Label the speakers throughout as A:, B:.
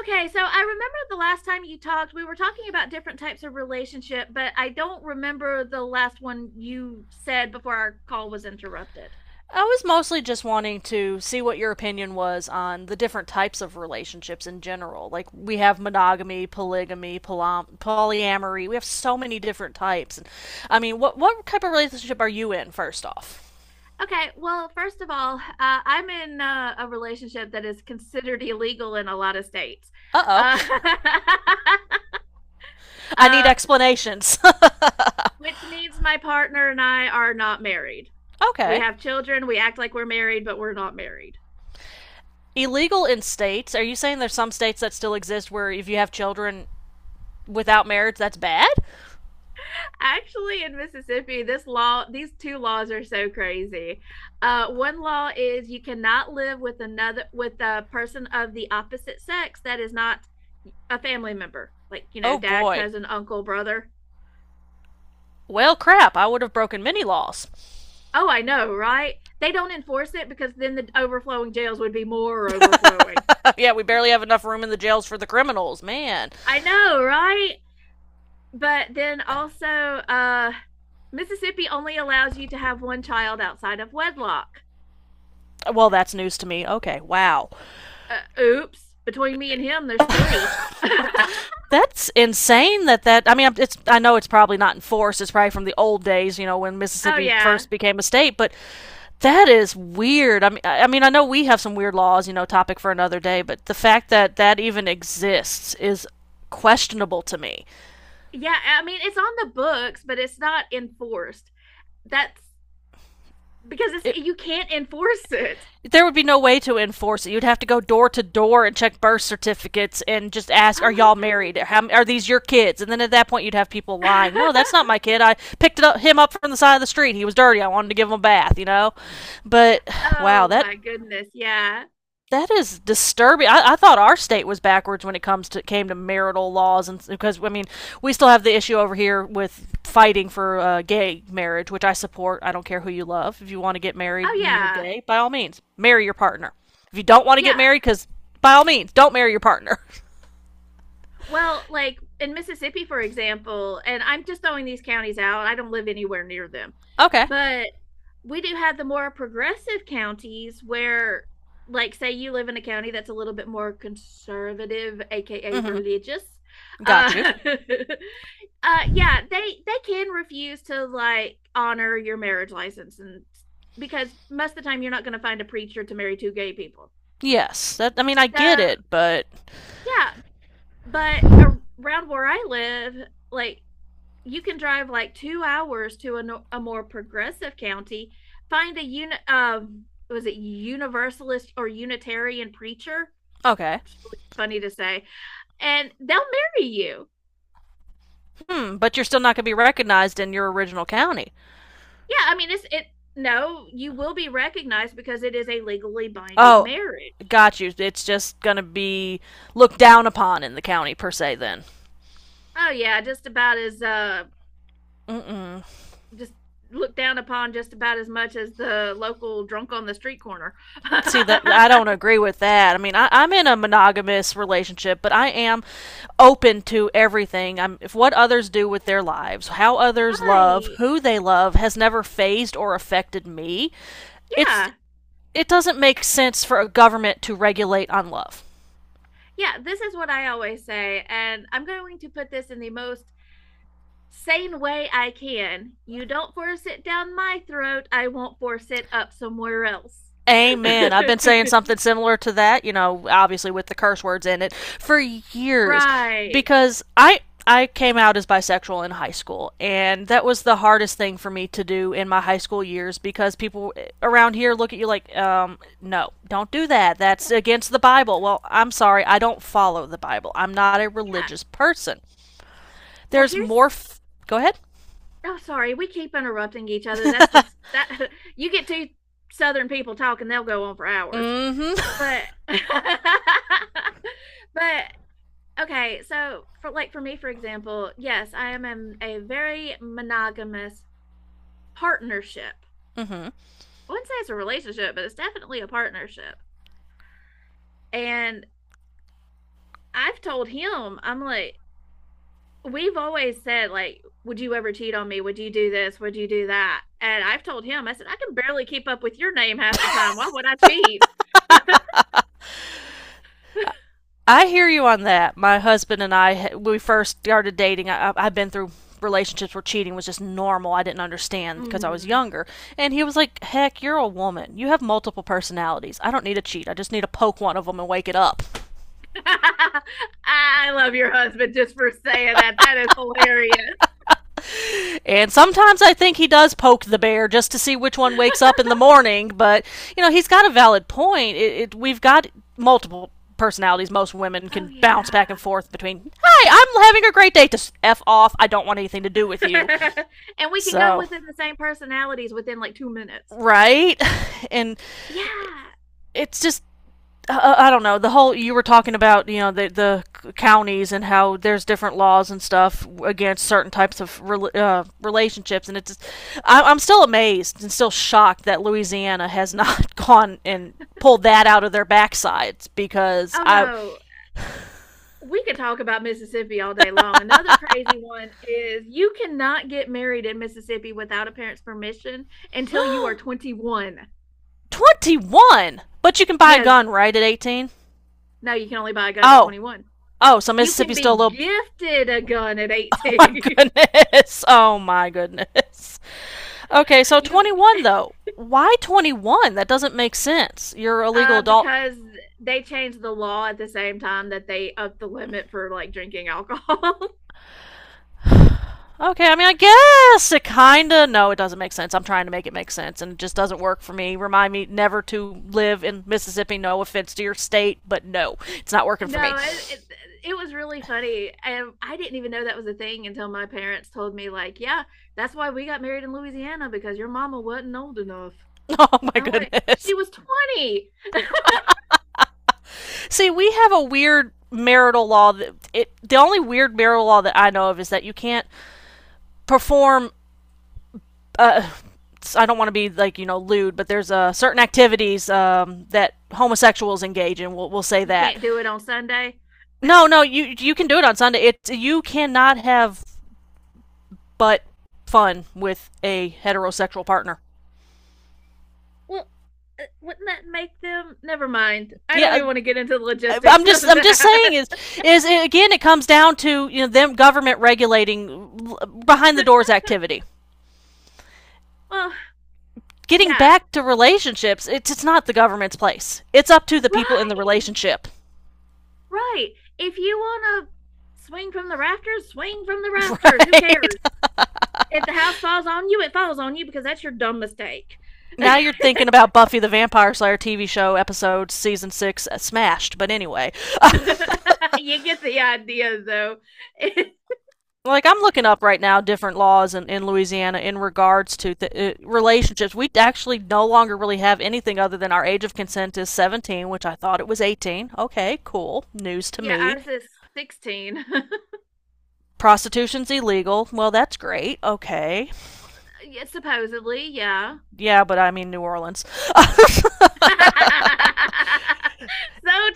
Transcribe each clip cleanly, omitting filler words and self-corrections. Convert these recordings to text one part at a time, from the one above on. A: Okay, so I remember the last time you talked, we were talking about different types of relationship, but I don't remember the last one you said before our call was interrupted.
B: I was mostly just wanting to see what your opinion was on the different types of relationships in general. Like we have monogamy, polygamy, polyamory. We have so many different types. And I mean, what type of relationship are you in first off?
A: Okay, well, first of all, I'm in a relationship that is considered illegal in a lot of states,
B: Uh-oh.
A: uh,
B: I need
A: uh,
B: explanations.
A: which means my partner and I are not married. We
B: Okay.
A: have children, we act like we're married, but we're not married.
B: Illegal in states. Are you saying there's some states that still exist where if you have children without marriage that's bad?
A: Actually, in Mississippi, this law, these two laws are so crazy. One law is you cannot live with another with a person of the opposite sex that is not a family member, like you know,
B: Oh
A: dad,
B: boy.
A: cousin, uncle, brother.
B: Well, crap, I would have broken many laws.
A: Oh, I know, right? They don't enforce it because then the overflowing jails would be more overflowing.
B: Yeah, we barely have enough room in the jails for the criminals, man.
A: I know, right? But then also, Mississippi only allows you to have one child outside of wedlock.
B: Well, that's news to me. Okay, wow,
A: Oops, between me and him, there's three. Oh,
B: that's insane. That I mean, it's I know it's probably not in force. It's probably from the old days, you know, when Mississippi
A: yeah.
B: first became a state. But that is weird. I mean, I mean, I know we have some weird laws, you know, topic for another day. But the fact that that even exists is questionable to me.
A: Yeah. I mean, it's on the books, but it's not enforced. That's
B: It,
A: you can't enforce it.
B: there would be no way to enforce it. You'd have to go door to door and check birth certificates and just ask, "Are y'all married?
A: Oh,
B: These your kids?" And then at that point, you'd have people lying, "No,
A: I
B: that's not
A: know.
B: my kid. I picked him up from the side of the street. He was dirty. I wanted to give him a bath." But wow,
A: Oh,
B: that
A: my goodness. Yeah.
B: that is disturbing. I thought our state was backwards when it comes to came to marital laws, and because I mean, we still have the issue over here with fighting for gay marriage, which I support. I don't care who you love. If you want to get married
A: Oh,
B: and you're
A: yeah.
B: gay, by all means, marry your partner. If you don't want to get
A: Yeah.
B: married, because by all means, don't marry your partner.
A: Well, like in Mississippi, for example, and I'm just throwing these counties out, I don't live anywhere near them,
B: Okay.
A: but we do have the more progressive counties where, like, say you live in a county that's a little bit more conservative, aka
B: Mm-hmm.
A: religious. uh,
B: Got you.
A: yeah, they can refuse to like honor your marriage license, and because most of the time you're not going to find a preacher to marry two gay people.
B: Yes. That. I mean, I
A: So,
B: get
A: yeah,
B: it, but
A: but around where I live, like, you can drive like 2 hours to a, a more progressive county, find a was it Universalist or Unitarian preacher?
B: okay.
A: It's really funny to say, and they'll marry you.
B: Hmm. But you're still not going to be recognized in your original county.
A: Yeah, I mean, it's it. No, you will be recognized because it is a legally binding
B: Oh,
A: marriage.
B: got you. It's just gonna be looked down upon in the county per se. Then,
A: Oh yeah, just about as
B: mm-mm.
A: just looked down upon just about as much as the local drunk on the street corner.
B: See that I don't agree with that. I mean, I'm in a monogamous relationship, but I am open to everything. I'm If what others do with their lives, how others love,
A: Right?
B: who they love, has never phased or affected me. It's
A: Yeah.
B: it doesn't make sense for a government to regulate on love.
A: Yeah, this is what I always say, and I'm going to put this in the most sane way I can. You don't force it down my throat, I won't force it up somewhere else.
B: Amen. I've been saying something similar to that, obviously with the curse words in it for years
A: Right.
B: because I came out as bisexual in high school and that was the hardest thing for me to do in my high school years because people around here look at you like no, don't do that. That's against the Bible. Well, I'm sorry, I don't follow the Bible. I'm not a
A: Yeah.
B: religious person.
A: Well,
B: There's more
A: here's—
B: f- Go ahead.
A: oh, sorry. We keep interrupting each other. That's the that you get two southern people talking, they'll go on for hours.
B: Mhm.
A: But but okay, so for me, for example, yes, I am a very monogamous partnership.
B: Mhm.
A: I wouldn't say it's a relationship, but it's definitely a partnership. And I've told him, I'm like, we've always said, like, would you ever cheat on me? Would you do this? Would you do that? And I've told him, I said, I can barely keep up with your name half the time. Why would I cheat?
B: I hear you on that. My husband and I, when we first started dating, have been through relationships where cheating was just normal. I didn't understand because I was
A: Mm.
B: younger. And he was like, heck, you're a woman. You have multiple personalities. I don't need to cheat. I just need to poke one of them and wake it up.
A: I love your husband just for saying that. That is hilarious.
B: And sometimes I think he does poke the bear just to see which one wakes up in the morning. But, he's got a valid point. We've got multiple personalities most women
A: Oh,
B: can bounce back
A: yeah.
B: and forth between hi, I'm having a great day to f off, I don't want anything to do with you.
A: And we can go
B: So
A: within the same personalities within like 2 minutes.
B: right? And
A: Yeah.
B: it's just I don't know the whole you were talking about the counties and how there's different laws and stuff against certain types of relationships and it's just, I'm still amazed and still shocked that Louisiana has not gone and pulled that out of their backsides because
A: Oh,
B: I
A: no. We could talk about Mississippi all day long. Another crazy one is you cannot get married in Mississippi without a parent's permission until you are 21.
B: 21 but you can buy a
A: Yes,
B: gun right at 18.
A: no, you can only buy a gun at
B: Oh.
A: 21.
B: Oh, so
A: You can
B: Mississippi's still a
A: be
B: little.
A: gifted a gun at
B: Oh my
A: 18.
B: goodness. Oh my goodness. Okay, so
A: you
B: 21 though. Why 21? That doesn't make sense. You're a legal adult.
A: because they changed the law at the same time that they upped the limit for like drinking alcohol.
B: Okay, I mean, I guess it kinda. No, it doesn't make sense. I'm trying to make it make sense, and it just doesn't work for me. Remind me never to live in Mississippi. No offense to your state, but no, it's not working for me.
A: No, it, it it was really funny. And I didn't even know that was a thing until my parents told me, like, yeah, that's why we got married in Louisiana because your mama wasn't old enough.
B: Oh my
A: I'm like,
B: goodness.
A: she was 20.
B: See, we have a weird marital law that it. The only weird marital law that I know of is that you can't perform, uh, I don't want to be like lewd, but there's certain activities, that homosexuals engage in. We'll say
A: You
B: that.
A: can't do it on Sunday.
B: No, no, you can do it on Sunday. It you cannot have but fun with a heterosexual partner.
A: Well, wouldn't that make them? Never mind. I don't
B: Yeah,
A: even want to get into the logistics
B: I'm just
A: of
B: I'm just saying
A: that.
B: is again it comes down to them government regulating behind the doors activity.
A: Well,
B: Getting
A: yeah,
B: back to relationships, it's not the government's place. It's up to the people in the
A: right,
B: relationship.
A: right. If you want to swing from the rafters, swing from the rafters. Who cares?
B: Right?
A: If the house falls on you, it falls on you because that's your dumb mistake.
B: Now you're thinking about Buffy the Vampire Slayer TV show episode season six, smashed. But anyway,
A: You get the idea, though. It,
B: like I'm looking up right now different laws in Louisiana in regards to relationships. We actually no longer really have anything other than our age of consent is 17, which I thought it was 18. Okay, cool. News to
A: yeah,
B: me.
A: ours is 16.
B: Prostitution's illegal. Well, that's great. Okay.
A: Yeah, supposedly, yeah.
B: Yeah, but I mean New Orleans.
A: So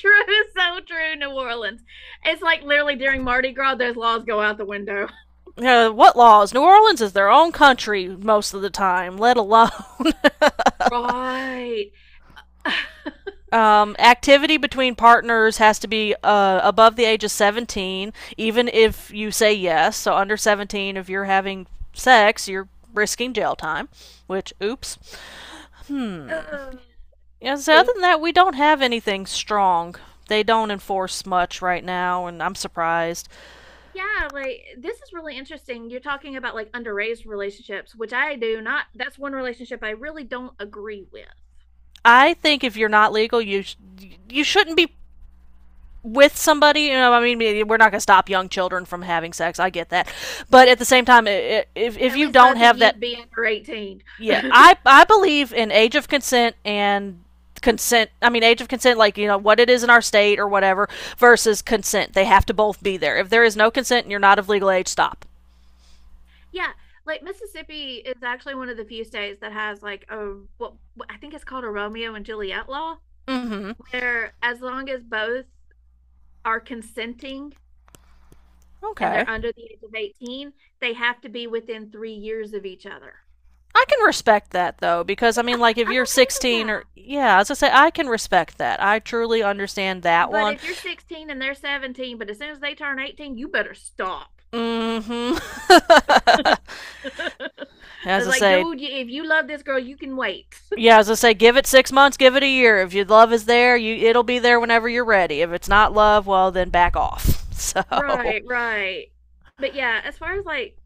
A: true, so true, New Orleans. It's like literally during Mardi Gras, those laws go out the window.
B: What laws? New Orleans is their own country most of the time, let alone.
A: Right.
B: Activity between partners has to be above the age of 17, even if you say yes. So, under 17, if you're having sex, you're risking jail time, which, oops. Yeah, so, other
A: Oops.
B: than that, we don't have anything strong. They don't enforce much right now, and I'm surprised.
A: Yeah, like, this is really interesting. You're talking about like underage relationships, which I do not— that's one relationship I really don't agree with.
B: I think if you're not legal, you shouldn't be with somebody. I mean, we're not going to stop young children from having sex. I get that, but at the same time, if
A: At
B: you
A: least
B: don't
A: both of
B: have
A: you
B: that.
A: be under 18.
B: Yeah, I believe in age of consent and consent. I mean, age of consent, like you know what it is in our state or whatever, versus consent. They have to both be there. If there is no consent and you're not of legal age, stop.
A: Yeah, like, Mississippi is actually one of the few states that has like a I think it's called a Romeo and Juliet law,
B: Mm-hmm.
A: where as long as both are consenting and they're
B: Okay,
A: under the age of 18, they have to be within 3 years of each other.
B: I can respect that though, because I
A: Yeah,
B: mean, like if
A: I'm
B: you're
A: okay with—
B: 16 or yeah, as I say, I can respect that. I truly understand that
A: but
B: one.
A: if you're 16 and they're 17, but as soon as they turn 18, you better stop.
B: Mm-hmm. As
A: It's
B: I
A: like,
B: say,
A: dude, if you love this girl, you can wait.
B: yeah, as I say, give it 6 months, give it a year. If your love is there, you it'll be there whenever you're ready. If it's not love, well then back off. So,
A: Right, right. But yeah, as far as like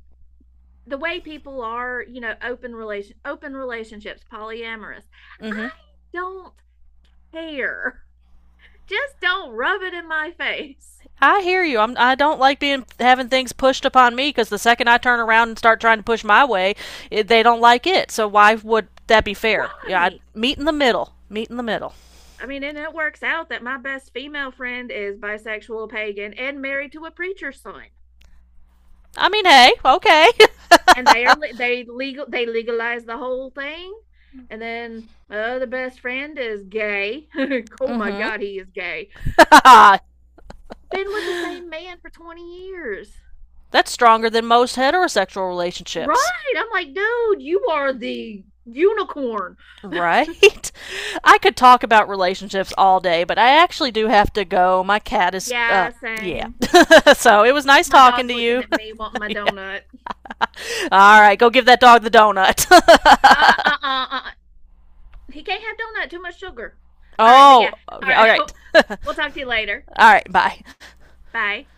A: the way people are, you know, open relationships, polyamorous,
B: hmm
A: I don't care. Just don't rub it in my face.
B: I hear you. I don't like being having things pushed upon me because the second I turn around and start trying to push my way, they don't like it. So why would that be fair? Yeah, I'd
A: Right.
B: meet in the middle. Meet in the middle.
A: I mean, and it works out that my best female friend is bisexual, pagan, and married to a preacher's son.
B: I mean, hey, okay.
A: And they are— they legal— they legalize the whole thing. And then my other best friend is gay. Oh my
B: Hmm.
A: god, he is gay. Been with the same man for 20 years.
B: That's stronger than most heterosexual relationships.
A: Right, I'm like, dude, you are the unicorn.
B: Right? I could talk about relationships all day, but I actually do have to go. My cat is
A: Yeah,
B: yeah.
A: same.
B: So it was nice
A: My
B: talking
A: dog's
B: to
A: looking
B: you.
A: at me wanting my
B: Yeah.
A: donut.
B: All right, go give that dog the donut.
A: uh uh uh, uh. He can't have donut, too much sugar. All right, but
B: Oh,
A: yeah. All
B: okay. All
A: right.
B: right. All
A: We'll talk to you later.
B: right, bye.
A: Bye.